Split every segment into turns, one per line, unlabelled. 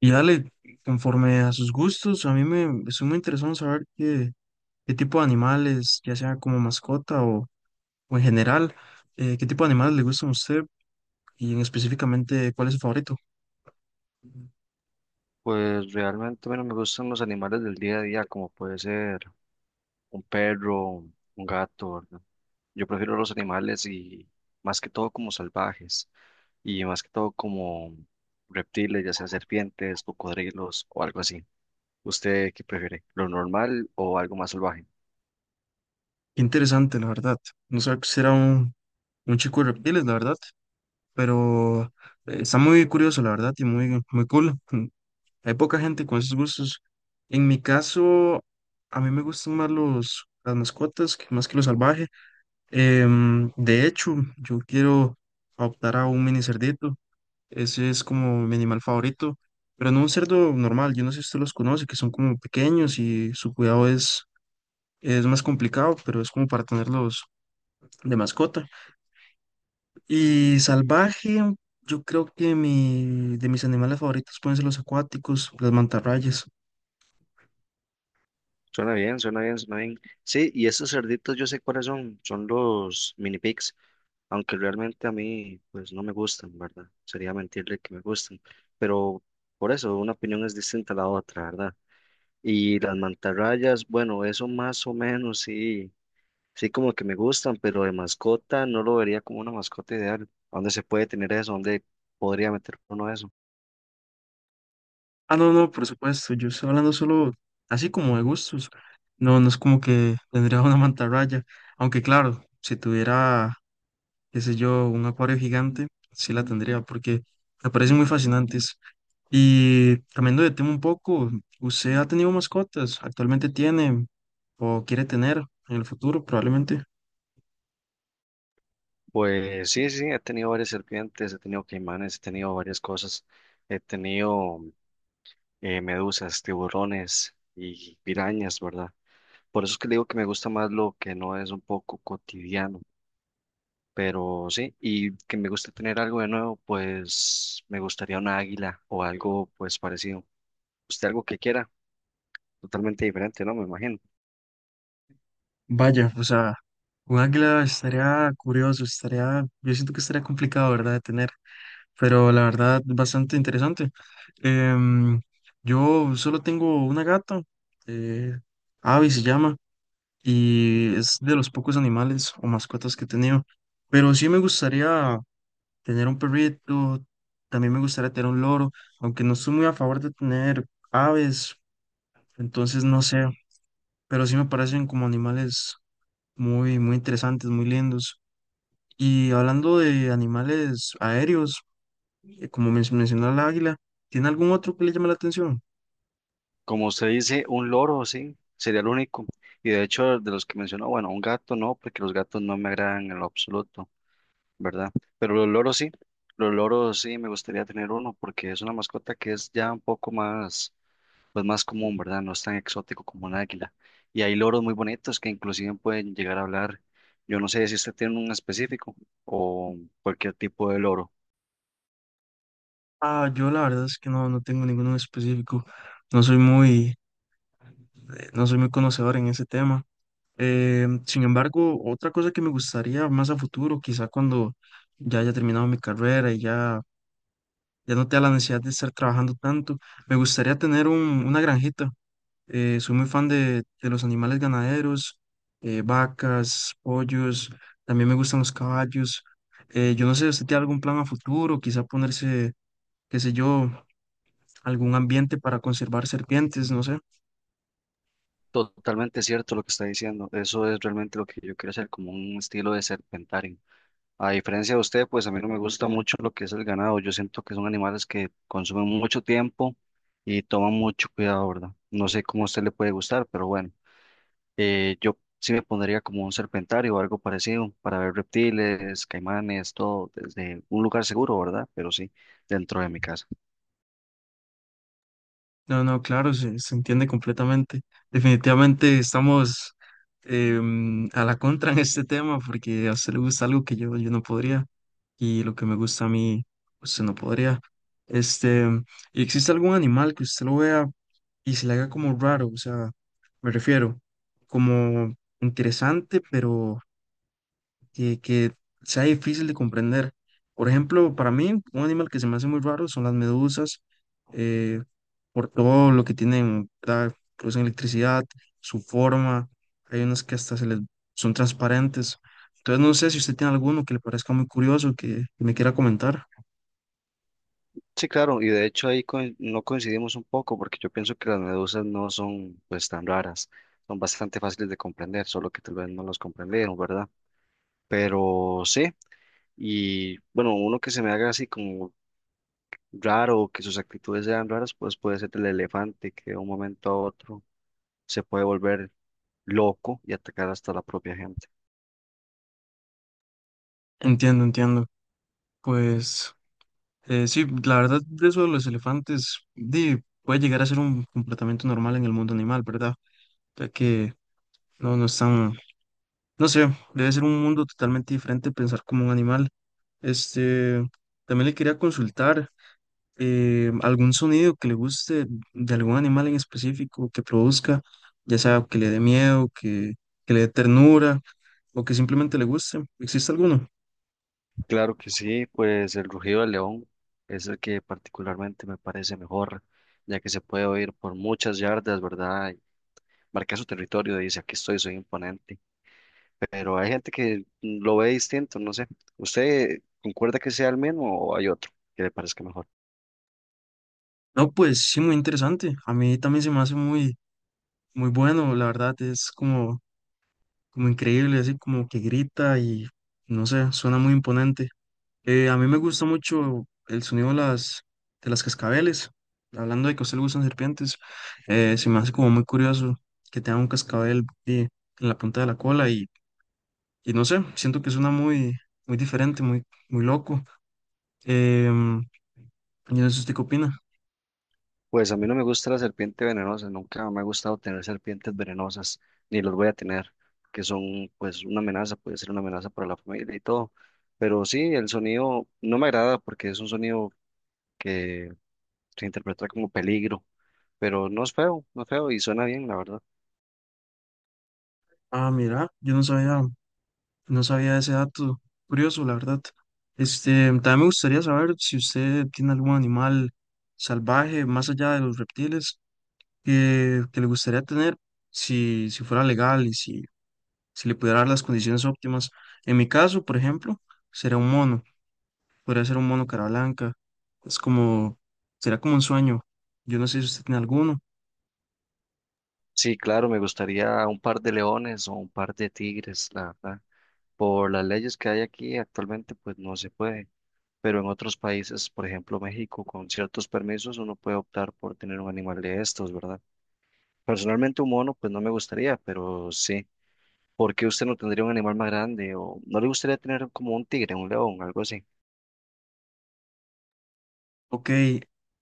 Y dale, conforme a sus gustos, a mí me es muy interesante saber qué tipo de animales, ya sea como mascota o en general, qué tipo de animales le gustan a usted y en específicamente cuál es su favorito.
Pues realmente, bueno, me gustan los animales del día a día, como puede ser un perro, un gato, ¿verdad? Yo prefiero los animales y más que todo como salvajes y más que todo como reptiles, ya sea serpientes, cocodrilos o algo así. ¿Usted qué prefiere? ¿Lo normal o algo más salvaje?
Qué interesante, la verdad. No sabía que usted era un chico de reptiles, la verdad, pero está muy curioso, la verdad, y muy, muy cool. Hay poca gente con esos gustos. En mi caso, a mí me gustan más las mascotas más que lo salvaje. De hecho, yo quiero optar a un mini cerdito. Ese es como mi animal favorito, pero no un cerdo normal. Yo no sé si usted los conoce, que son como pequeños y su cuidado es más complicado, pero es como para tenerlos de mascota. Y salvaje, yo creo que de mis animales favoritos pueden ser los acuáticos, las mantarrayas.
Suena bien, suena bien, suena bien. Sí, y estos cerditos yo sé cuáles son, son los mini pigs. Aunque realmente a mí pues no me gustan, ¿verdad? Sería mentirle que me gustan, pero por eso una opinión es distinta a la otra, ¿verdad? Y las mantarrayas, bueno, eso más o menos sí, sí como que me gustan, pero de mascota no lo vería como una mascota ideal. ¿Dónde se puede tener eso? ¿Dónde podría meter uno eso?
Ah, no, no, por supuesto. Yo estoy hablando solo así como de gustos. No, no es como que tendría una mantarraya. Aunque claro, si tuviera qué sé yo, un acuario gigante, sí la tendría porque me parecen muy fascinantes. Y cambiando de tema un poco, ¿usted ha tenido mascotas? ¿Actualmente tiene o quiere tener en el futuro probablemente?
Pues sí, sí, he tenido varias serpientes, he tenido caimanes, he tenido varias cosas, he tenido medusas, tiburones y pirañas, ¿verdad? Por eso es que le digo que me gusta más lo que no es un poco cotidiano, pero sí, y que me gusta tener algo de nuevo, pues me gustaría una águila o algo pues parecido. Usted algo que quiera, totalmente diferente, ¿no? Me imagino.
Vaya, o sea, un águila estaría curioso, yo siento que estaría complicado, ¿verdad? De tener, pero la verdad, bastante interesante. Em, yo solo tengo una gata, eh, Abby se llama. Y es de los pocos animales o mascotas que he tenido. Pero sí me gustaría tener un perrito, también me gustaría tener un loro, aunque no estoy muy a favor de tener aves, entonces no sé, pero sí me parecen como animales muy, muy interesantes, muy lindos. Y hablando de animales aéreos, como mencionó el águila, ¿tiene algún otro que le llame la atención?
Como usted dice, un loro, sí, sería el único. Y de hecho, de los que mencionó, bueno, un gato no, porque los gatos no me agradan en lo absoluto, ¿verdad? Pero los loros sí, me gustaría tener uno, porque es una mascota que es ya un poco más pues más común, ¿verdad? No es tan exótico como el águila. Y hay loros muy bonitos que inclusive pueden llegar a hablar. Yo no sé si usted tiene un específico o cualquier tipo de loro.
Ah, yo la verdad es que no tengo ninguno en específico. No soy muy, no soy muy conocedor en ese tema. Sin embargo, otra cosa que me gustaría más a futuro, quizá cuando ya haya terminado mi carrera ya no tenga la necesidad de estar trabajando tanto, me gustaría tener una granjita. Soy muy fan de los animales ganaderos, vacas, pollos, también me gustan los caballos. Yo no sé, ¿usted tiene algún plan a futuro? Quizá ponerse, qué sé yo, algún ambiente para conservar serpientes, no sé.
Totalmente cierto lo que está diciendo. Eso es realmente lo que yo quiero hacer, como un estilo de serpentario. A diferencia de usted, pues a mí no me gusta mucho lo que es el ganado. Yo siento que son animales que consumen mucho tiempo y toman mucho cuidado, ¿verdad? No sé cómo a usted le puede gustar, pero bueno. Yo sí me pondría como un serpentario o algo parecido para ver reptiles, caimanes, todo desde un lugar seguro, ¿verdad? Pero sí, dentro de mi casa.
No, no, claro, se entiende completamente. Definitivamente estamos a la contra en este tema porque a usted le gusta algo que yo no podría y lo que me gusta a mí, usted no podría. Este, ¿y existe algún animal que usted lo vea y se le haga como raro? O sea, me refiero, como interesante, pero que sea difícil de comprender. Por ejemplo, para mí, un animal que se me hace muy raro son las medusas, eh, por todo lo que tienen, ¿verdad? Producen electricidad, su forma, hay unas que hasta son transparentes. Entonces, no sé si usted tiene alguno que le parezca muy curioso, que me quiera comentar.
Sí, claro, y de hecho ahí no coincidimos un poco porque yo pienso que las medusas no son pues tan raras, son bastante fáciles de comprender, solo que tal vez no los comprendieron, ¿verdad? Pero sí, y bueno, uno que se me haga así como raro, que sus actitudes sean raras, pues puede ser el elefante que de un momento a otro se puede volver loco y atacar hasta la propia gente.
Entiendo, entiendo. Pues sí, la verdad de eso de los elefantes di, puede llegar a ser un comportamiento normal en el mundo animal, ¿verdad? Ya que no están. No sé, debe ser un mundo totalmente diferente pensar como un animal. Este, también le quería consultar algún sonido que le guste de algún animal en específico que produzca, ya sea que le dé miedo, que le dé ternura o que simplemente le guste. ¿Existe alguno?
Claro que sí, pues el rugido del león es el que particularmente me parece mejor, ya que se puede oír por muchas yardas, ¿verdad? Y marca su territorio y dice, aquí estoy, soy imponente. Pero hay gente que lo ve distinto, no sé. ¿Usted concuerda que sea el mismo o hay otro que le parezca mejor?
No, pues sí, muy interesante. A mí también se me hace muy, muy bueno, la verdad, es como, como increíble, así como que grita y no sé, suena muy imponente. A mí me gusta mucho el sonido de de las cascabeles. Hablando de que a usted le gustan serpientes, se me hace como muy curioso que tenga un cascabel en la punta de la cola y no sé, siento que suena muy, muy diferente, muy, muy loco. Em, yo no sé usted qué opina.
Pues a mí no me gusta la serpiente venenosa, nunca me ha gustado tener serpientes venenosas, ni los voy a tener, que son pues una amenaza, puede ser una amenaza para la familia y todo. Pero sí, el sonido no me agrada porque es un sonido que se interpreta como peligro, pero no es feo, no es feo y suena bien, la verdad.
Ah, mira, yo no sabía, no sabía ese dato. Curioso, la verdad. Este, también me gustaría saber si usted tiene algún animal salvaje más allá de los reptiles que le gustaría tener si fuera legal y si le pudiera dar las condiciones óptimas. En mi caso, por ejemplo, sería un mono, podría ser un mono cara blanca. Es como, será como un sueño. Yo no sé si usted tiene alguno.
Sí, claro, me gustaría un par de leones o un par de tigres, la verdad. Por las leyes que hay aquí actualmente, pues no se puede. Pero en otros países, por ejemplo México, con ciertos permisos uno puede optar por tener un animal de estos, ¿verdad? Personalmente un mono, pues no me gustaría, pero sí. ¿Por qué usted no tendría un animal más grande o no le gustaría tener como un tigre, un león, algo así?
Ok,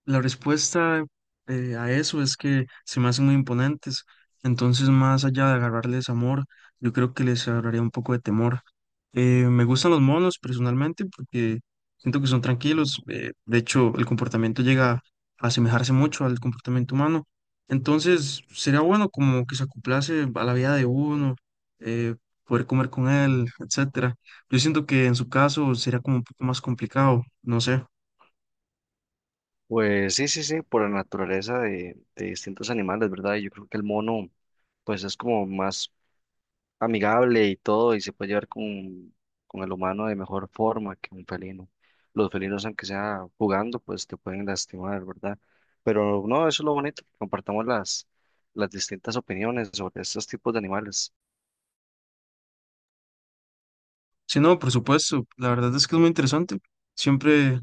la respuesta a eso es que se me hacen muy imponentes. Entonces, más allá de agarrarles amor, yo creo que les agarraría un poco de temor. Me gustan los monos personalmente porque siento que son tranquilos. De hecho, el comportamiento llega a asemejarse mucho al comportamiento humano. Entonces, sería bueno como que se acoplase a la vida de uno, eh, poder comer con él, etcétera. Yo siento que en su caso sería como un poco más complicado, no sé.
Pues sí, sí, sí, por la naturaleza de distintos animales, ¿verdad? Yo creo que el mono, pues es como más amigable y todo y se puede llevar con el humano de mejor forma que un felino. Los felinos, aunque sea jugando, pues te pueden lastimar, ¿verdad? Pero no, eso es lo bonito, que compartamos las distintas opiniones sobre estos tipos de animales.
Si no, por supuesto, la verdad es que es muy interesante. Siempre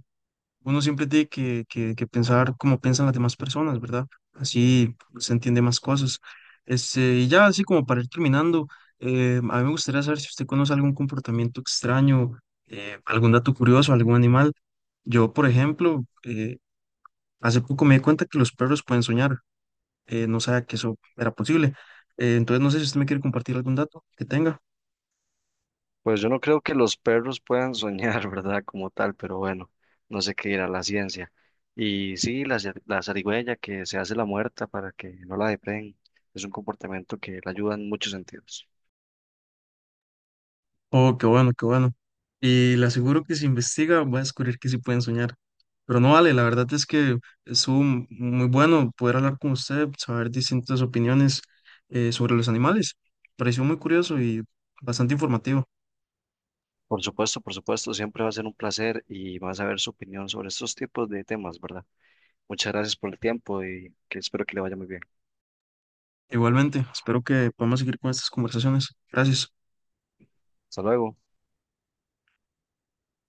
uno siempre tiene que pensar como piensan las demás personas, ¿verdad? Así se entiende más cosas. Este, y ya así como para ir terminando, a mí me gustaría saber si usted conoce algún comportamiento extraño, algún dato curioso, algún animal. Yo, por ejemplo, hace poco me di cuenta que los perros pueden soñar. No sabía que eso era posible. Entonces, no sé si usted me quiere compartir algún dato que tenga.
Pues yo no creo que los perros puedan soñar, ¿verdad? Como tal, pero bueno, no sé qué dirá la ciencia. Y sí, la zarigüeya que se hace la muerta para que no la depreen, es un comportamiento que la ayuda en muchos sentidos.
Oh, qué bueno, qué bueno. Y le aseguro que si investiga va a descubrir que sí pueden soñar. Pero no vale, la verdad es que estuvo muy bueno poder hablar con usted, saber distintas opiniones sobre los animales. Pareció muy curioso y bastante informativo.
Por supuesto, siempre va a ser un placer y vas a ver su opinión sobre estos tipos de temas, ¿verdad? Muchas gracias por el tiempo y que espero que le vaya muy bien.
Igualmente, espero que podamos seguir con estas conversaciones. Gracias.
Hasta luego.